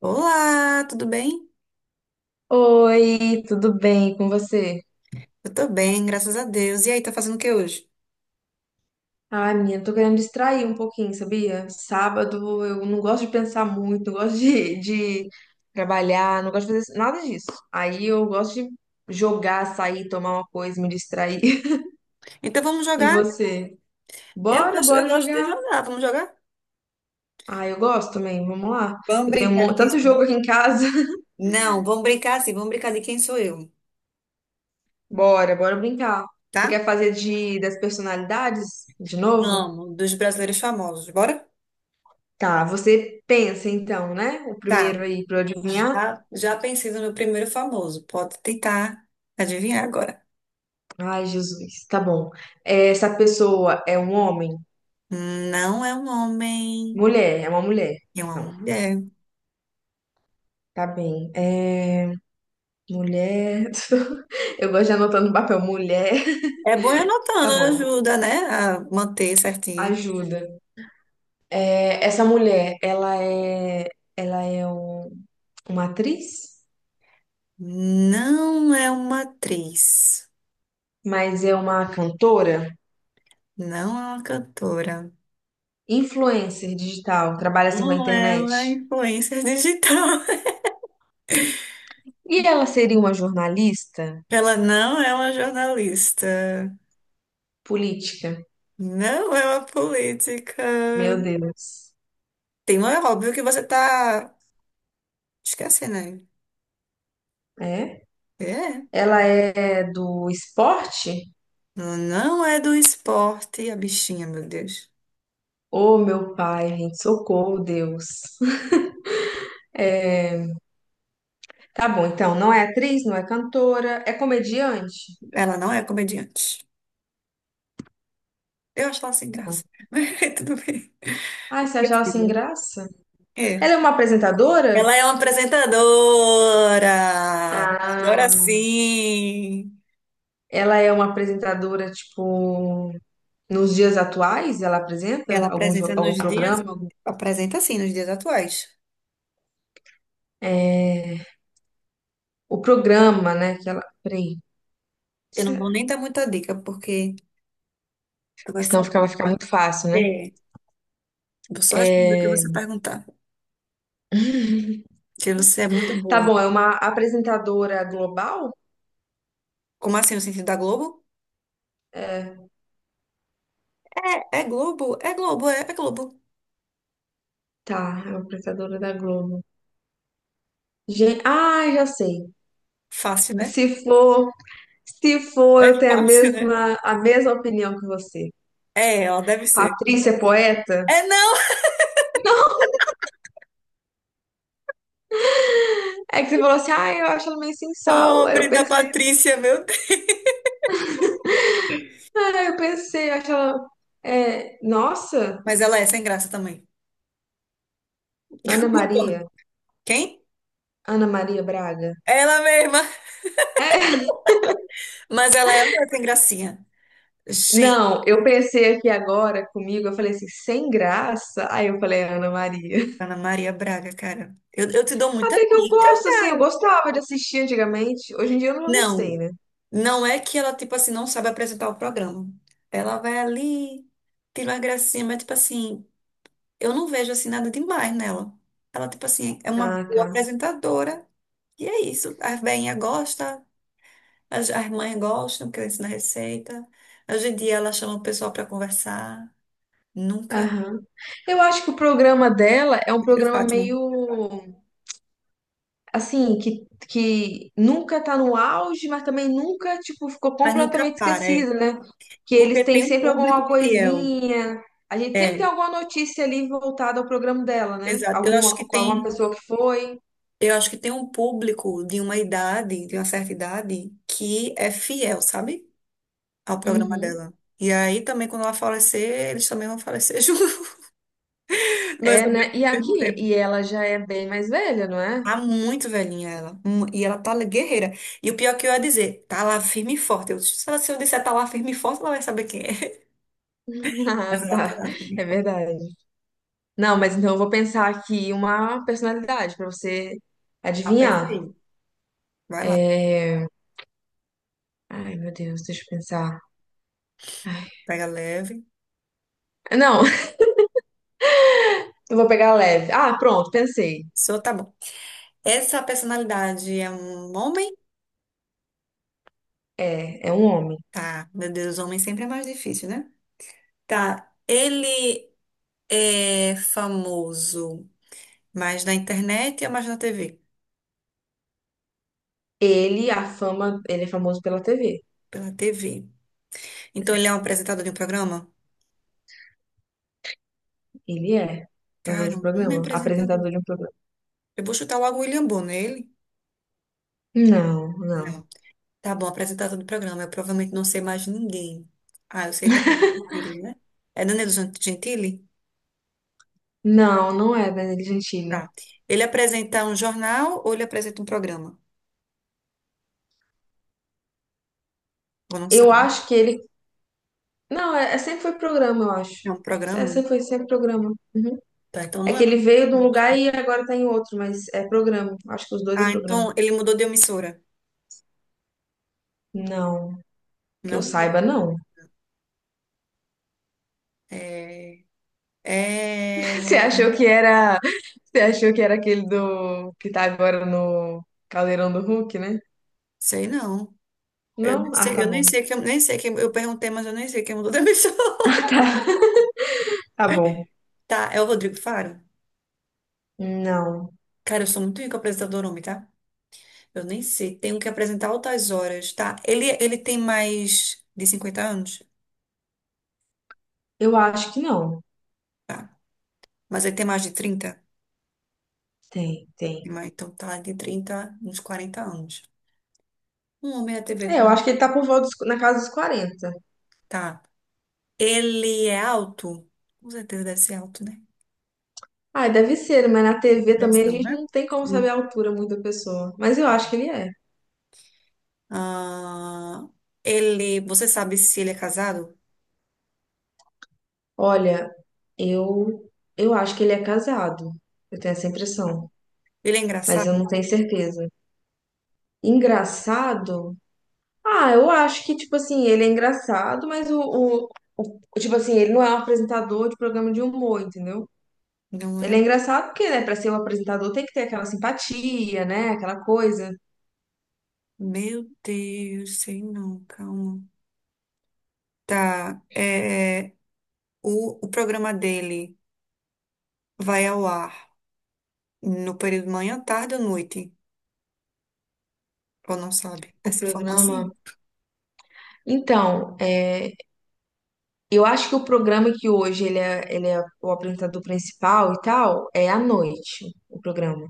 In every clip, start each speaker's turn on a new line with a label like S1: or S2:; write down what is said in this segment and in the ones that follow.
S1: Olá, tudo bem?
S2: Oi, tudo bem com você?
S1: Eu tô bem, graças a Deus. E aí, tá fazendo o que hoje?
S2: Ai, menina, tô querendo distrair um pouquinho, sabia? Sábado eu não gosto de pensar muito, não gosto de trabalhar, não gosto de fazer nada disso. Aí eu gosto de jogar, sair, tomar uma coisa, me distrair.
S1: Então vamos
S2: E
S1: jogar?
S2: você?
S1: Eu
S2: Bora,
S1: gosto, eu
S2: bora
S1: gosto de
S2: jogar.
S1: jogar. Vamos jogar?
S2: Ah, eu gosto também, vamos lá.
S1: Vamos
S2: Eu tenho um
S1: brincar de quem...
S2: tanto jogo aqui em casa.
S1: Não, vamos brincar assim, vamos brincar de quem sou eu,
S2: Bora brincar. Você
S1: tá?
S2: quer fazer de das personalidades de novo?
S1: Vamos, dos brasileiros famosos, bora?
S2: Tá, você pensa então, né? O
S1: Tá,
S2: primeiro aí pra eu adivinhar.
S1: já pensei no meu primeiro famoso. Pode tentar adivinhar agora.
S2: Ai, Jesus, tá bom. Essa pessoa é um homem?
S1: Não é um homem,
S2: Mulher, é uma mulher.
S1: é uma
S2: Não,
S1: mulher.
S2: tá bem. Mulher. Eu gosto de anotar no papel mulher.
S1: É bom ir
S2: Tá
S1: anotando,
S2: bom,
S1: ajuda, né? A manter certinho.
S2: ajuda. É, essa mulher, ela é uma atriz,
S1: Não é uma atriz.
S2: mas é uma cantora,
S1: Não é uma cantora.
S2: influencer digital, trabalha assim com a
S1: Não é uma
S2: internet.
S1: influencer digital.
S2: E ela seria uma jornalista
S1: Ela não é uma jornalista.
S2: política?
S1: Não é uma política.
S2: Meu Deus.
S1: Tem um é óbvio que você tá esquecendo aí.
S2: É?
S1: É.
S2: Ela é do esporte?
S1: Ela não é do esporte, a bichinha, meu Deus.
S2: Ô, meu pai, gente, socorro, Deus. É, Tá bom, então, não é atriz, não é cantora, é comediante?
S1: Ela não é comediante. Eu acho ela sem graça. Mas tudo bem.
S2: Ai, você achava
S1: Precisa,
S2: sem
S1: né?
S2: graça?
S1: É.
S2: Ela é uma apresentadora?
S1: Ela é uma apresentadora. Agora
S2: Ah,
S1: sim.
S2: ela é uma apresentadora, tipo, nos dias atuais, ela apresenta
S1: Ela
S2: algum,
S1: apresenta
S2: algum
S1: nos dias,
S2: programa?
S1: apresenta sim, nos dias atuais.
S2: É, o programa, né, que ela... Peraí,
S1: Eu não
S2: se-
S1: vou nem dar muita dica, porque tu vai saber.
S2: vai ficar muito fácil, né?
S1: É, vou só responder o que você
S2: É,
S1: perguntar, que você é muito
S2: tá
S1: boa.
S2: bom, é uma apresentadora global?
S1: Como assim, no sentido da Globo? É, é Globo, é Globo, é Globo.
S2: Tá, é uma apresentadora da Globo. Gente, ah, já sei.
S1: Fácil, né?
S2: Se for, se for,
S1: É
S2: eu tenho a
S1: fácil, né?
S2: mesma, a mesma opinião que você.
S1: É, ela deve ser.
S2: Patrícia é poeta?
S1: É não,
S2: Não, é que você falou assim, ah, eu acho ela meio sem sal. Aí eu
S1: pobre da
S2: pensei,
S1: Patrícia, meu Deus.
S2: eu acho ela. É, nossa,
S1: Mas ela é sem graça também.
S2: Ana
S1: Eu concordo.
S2: Maria,
S1: Quem?
S2: Ana Maria Braga.
S1: Ela mesma.
S2: É.
S1: Mas ela é uma sem gracinha.
S2: Não, eu pensei aqui agora comigo, eu falei assim, sem graça. Aí eu falei, Ana Maria.
S1: Ana Maria Braga, cara. Eu te dou muita
S2: Até que eu
S1: dica,
S2: gosto, assim, eu
S1: cara.
S2: gostava de assistir antigamente. Hoje em dia eu não sei,
S1: Não,
S2: né?
S1: não é que ela, tipo assim, não sabe apresentar o programa. Ela vai ali, tira uma gracinha, mas, tipo assim, eu não vejo, assim, nada demais nela. Ela, tipo assim, é uma
S2: Ah,
S1: boa
S2: tá.
S1: apresentadora. E é isso. As veinhas gostam, as mães gostam, porque ela ensina receita. Hoje em dia ela chama o pessoal pra conversar. Nunca.
S2: Aham. Eu acho que o programa dela é um
S1: Prefiro
S2: programa
S1: Fátima.
S2: meio assim, que nunca tá no auge, mas também nunca, tipo, ficou
S1: Mas nunca
S2: completamente
S1: para, é.
S2: esquecido, né? Que eles
S1: Porque
S2: têm
S1: tem um
S2: sempre
S1: público
S2: alguma
S1: fiel.
S2: coisinha. A gente sempre tem
S1: É,
S2: alguma notícia ali voltada ao programa dela, né?
S1: exato. Eu acho
S2: Alguma,
S1: que
S2: com alguma
S1: tem.
S2: pessoa que foi.
S1: Eu acho que tem um público de uma idade, de uma certa idade, que é fiel, sabe? Ao programa
S2: Uhum.
S1: dela. E aí também, quando ela falecer, eles também vão falecer junto. Mas
S2: É,
S1: também
S2: né? E
S1: ao
S2: aqui,
S1: mesmo
S2: e
S1: tempo.
S2: ela já é bem mais velha, não é?
S1: Tá muito velhinha ela. E ela tá guerreira. E o pior que eu ia dizer, tá lá firme e forte. Eu, se eu disser tá lá firme e forte, ela vai saber quem é. Mas
S2: Ah,
S1: ela tá
S2: tá.
S1: lá firme e
S2: É
S1: forte.
S2: verdade. Não, mas então eu vou pensar aqui uma personalidade pra você
S1: Ah, pensa
S2: adivinhar.
S1: aí. Vai lá.
S2: É... meu Deus, deixa eu pensar. Ai,
S1: Pega leve.
S2: Não, eu vou pegar leve. Ah, pronto, pensei.
S1: Só tá bom. Essa personalidade é um homem?
S2: É, é um homem.
S1: Tá. Meu Deus, homem sempre é mais difícil, né? Tá, ele é famoso mais na internet ou mais na TV?
S2: A fama, ele é famoso pela TV.
S1: Pela TV. Então ele é um apresentador de um programa?
S2: Ele é apresentador de
S1: Cara,
S2: um
S1: um homem
S2: programa,
S1: apresentador.
S2: apresentador de um programa.
S1: Eu vou chutar logo o William Bonner, ele?
S2: Não, não.
S1: Não. Tá bom, apresentador do programa. Eu provavelmente não sei mais ninguém. Ah, eu sei Danilo Gentili, né? É Gentili?
S2: Não, não é Danilo Gentili.
S1: Tá. Ele apresenta um jornal ou ele apresenta um programa? Ou não
S2: Eu
S1: sabe?
S2: acho que ele. Não, sempre foi programa, eu
S1: É
S2: acho.
S1: um programa?
S2: Sempre programa. Uhum.
S1: Tá, então
S2: É
S1: não é
S2: que ele
S1: um.
S2: veio de um lugar e agora tá em outro, mas é programa. Acho que os dois é
S1: Ah,
S2: programa.
S1: então ele mudou de emissora,
S2: Não, que eu
S1: não?
S2: saiba, não.
S1: É... É,
S2: Você achou que era, você achou que era aquele do que tá agora no Caldeirão do Hulk, né?
S1: sei não. Eu
S2: Não?
S1: nem
S2: Ah,
S1: sei,
S2: tá bom.
S1: nem sei quem, eu perguntei, mas eu nem sei quem mudou da emissora.
S2: Tá bom.
S1: Tá, é o Rodrigo Faro?
S2: Não.
S1: Cara, eu sou muito rico apresentador homem, tá? Eu nem sei. Tenho que apresentar altas horas, tá? Ele tem mais de cinquenta anos?
S2: Eu acho que não.
S1: Tá. Mas ele tem mais de trinta,
S2: Tem.
S1: mas então tá, de 30 uns 40 anos. Um homem da TV
S2: É, eu
S1: com...
S2: acho que ele tá na casa dos 40.
S1: Tá. Ele é alto? Com certeza deve ser alto, né?
S2: Ah, deve ser, mas na TV também a
S1: Impressão,
S2: gente
S1: né?
S2: não tem como saber a altura muito da pessoa. Mas eu acho que ele é.
S1: Ah, você sabe se ele é casado?
S2: Olha, eu eu acho que ele é casado. Eu tenho essa impressão.
S1: Ele é
S2: Mas eu não
S1: engraçado?
S2: tenho certeza. Engraçado? Ah, eu acho que, tipo assim, ele é engraçado, mas tipo assim, ele não é um apresentador de programa de humor, entendeu?
S1: Não
S2: Ele é
S1: é?
S2: engraçado porque, né, pra ser um apresentador tem que ter aquela simpatia, né, aquela coisa.
S1: Meu Deus, sei não, calma. Tá, o programa dele vai ao ar no período manhã, tarde ou noite? Ou não sabe
S2: O
S1: essa
S2: programa.
S1: informação?
S2: Então, é, eu acho que o programa que hoje ele é o apresentador principal e tal, é à noite, o programa.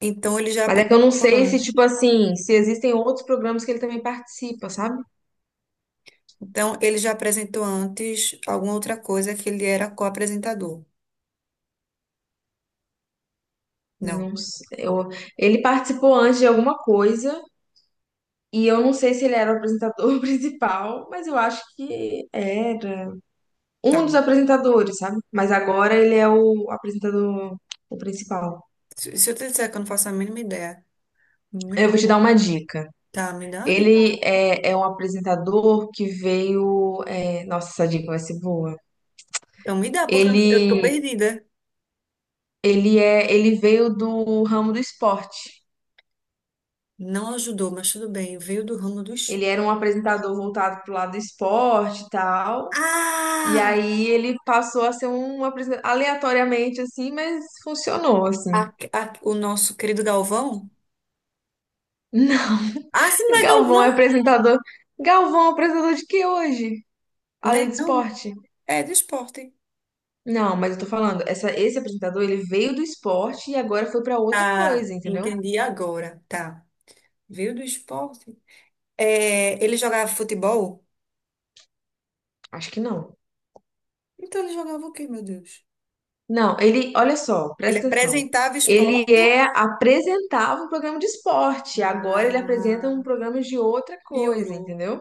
S1: Então ele já
S2: Mas é que eu não
S1: apresentou
S2: sei se, tipo
S1: antes.
S2: assim, se existem outros programas que ele também participa, sabe?
S1: Então ele já apresentou antes alguma outra coisa que ele era co-apresentador. Não,
S2: Não sei, ele participou antes de alguma coisa e eu não sei se ele era o apresentador principal, mas eu acho que era um dos
S1: tá.
S2: apresentadores, sabe? Mas agora ele é o apresentador o principal.
S1: Se eu te disser que eu não faço a mínima ideia,
S2: Eu
S1: meu,
S2: vou te dar uma dica.
S1: tá, me dá, né?
S2: Ele é, é um apresentador que veio. Nossa, essa dica vai ser boa.
S1: Então me dá, porque eu tô
S2: Ele,
S1: perdida.
S2: ele veio do ramo do esporte.
S1: Não ajudou, mas tudo bem. Veio do ramo dos.
S2: Ele era um apresentador voltado pro lado do esporte e tal. E
S1: Ah!
S2: aí ele passou a ser um apresentador aleatoriamente assim, mas funcionou assim.
S1: O nosso querido Galvão?
S2: Não,
S1: Ah, sim, não é
S2: Galvão é
S1: Galvão?
S2: apresentador. Galvão é um apresentador de que hoje?
S1: Não
S2: Além
S1: é,
S2: do
S1: não.
S2: esporte?
S1: É do esporte.
S2: Não, mas eu tô falando, essa, esse apresentador, ele veio do esporte e agora foi pra outra
S1: Ah,
S2: coisa, entendeu?
S1: entendi agora. Tá. Veio do esporte. É, ele jogava futebol?
S2: Acho que não.
S1: Então ele jogava o quê, meu Deus?
S2: Não, ele, olha só,
S1: Ele
S2: presta atenção.
S1: apresentava
S2: Ele
S1: esporte.
S2: é apresentava um programa de esporte, agora ele apresenta
S1: Ah,
S2: um programa de outra coisa,
S1: piorou.
S2: entendeu?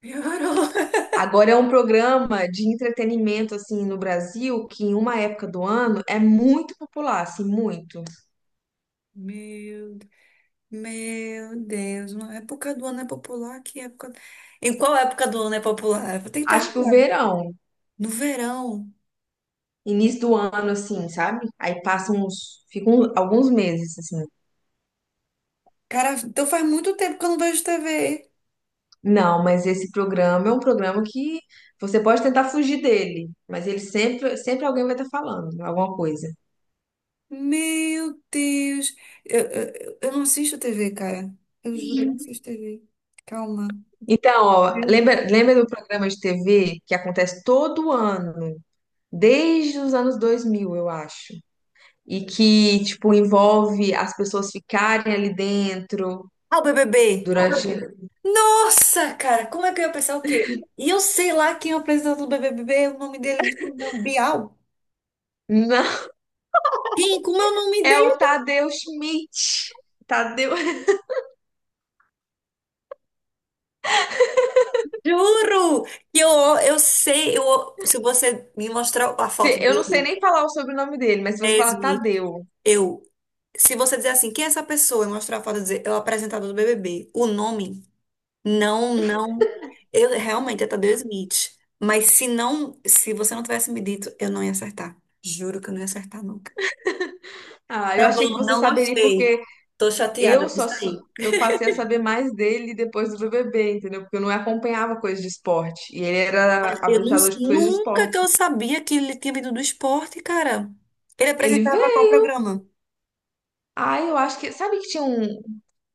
S1: Piorou.
S2: Agora é um programa de entretenimento assim no Brasil que em uma época do ano é muito popular, assim, muito.
S1: Meu Meu Deus, uma época do ano é popular? Que época? Em qual época do ano é popular? Eu vou ter que
S2: Acho que o
S1: perguntar.
S2: verão,
S1: No verão.
S2: início do ano assim, sabe? Aí passam uns, ficam alguns meses assim.
S1: Cara, então faz muito tempo que eu não vejo TV.
S2: Não, mas esse programa é um programa que você pode tentar fugir dele, mas ele sempre alguém vai estar falando alguma coisa.
S1: Meu Deus. Eu não assisto TV, cara. Eu juro, eu não assisto TV. Calma.
S2: Então, ó,
S1: Meu Deus.
S2: lembra do programa de TV que acontece todo ano, desde os anos 2000, eu acho. E que, tipo, envolve as pessoas ficarem ali dentro
S1: Ah, o BBB.
S2: durante.
S1: Nossa, cara, como é que eu ia pensar o quê? E eu sei lá quem é o apresentador do BBB, o nome dele não sei não. Bial?
S2: Não,
S1: Quem? Como é o nome?
S2: é o Tadeu Schmidt. Tadeu.
S1: Juro que eu sei, se você me mostrar a foto
S2: Eu não sei
S1: dele,
S2: nem falar o sobrenome dele, mas se você
S1: é
S2: falar
S1: Smith,
S2: Tadeu.
S1: eu, se você dizer assim, quem é essa pessoa e mostrar a foto e dizer, é o apresentador do BBB, o nome, não, eu realmente é Tadeu Smith, mas se você não tivesse me dito, eu não ia acertar, juro que eu não ia acertar nunca.
S2: Ah, eu
S1: Tá
S2: achei que
S1: bom,
S2: você
S1: não
S2: saberia
S1: gostei,
S2: porque
S1: tô chateada por sair.
S2: eu passei a saber mais dele depois do bebê, entendeu? Porque eu não acompanhava coisas de esporte e ele era
S1: Eu não,
S2: apresentador de coisas de
S1: nunca que eu
S2: esporte.
S1: sabia que ele tinha vindo do esporte, cara. Ele
S2: Ele
S1: apresentava qual programa?
S2: Ah, eu acho que. Sabe que tinha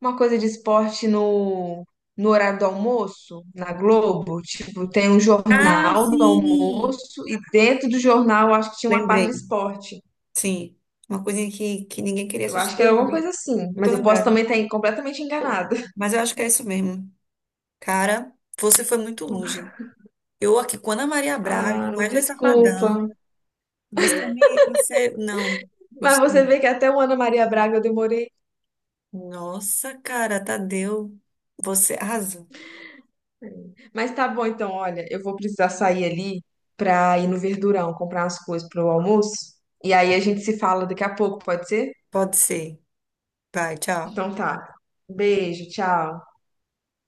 S2: uma coisa de esporte no horário do almoço, na Globo? Tipo, tem um
S1: Ah,
S2: jornal do
S1: sim!
S2: almoço e dentro do jornal eu acho que tinha uma parte
S1: Lembrei.
S2: de esporte.
S1: Sim. Uma coisinha que ninguém queria
S2: Eu acho
S1: assistir.
S2: que era
S1: Eu
S2: alguma
S1: lembro,
S2: coisa assim,
S1: eu tô
S2: mas eu posso
S1: lembrada.
S2: também estar completamente enganada.
S1: Mas eu acho que é isso mesmo. Cara, você foi muito longe. Eu aqui com Ana Maria Braga, com
S2: Ah,
S1: Wesley Safadão.
S2: desculpa.
S1: Você me. Você. Não.
S2: Mas você
S1: Gostei.
S2: vê que até o Ana Maria Braga eu demorei.
S1: Nossa, cara, Tadeu. Você arrasou.
S2: Mas tá bom, então, olha, eu vou precisar sair ali pra ir no Verdurão comprar umas coisas pro almoço. E aí a gente se fala daqui a pouco, pode ser?
S1: Pode ser. Vai, tchau.
S2: Então tá. Beijo, tchau.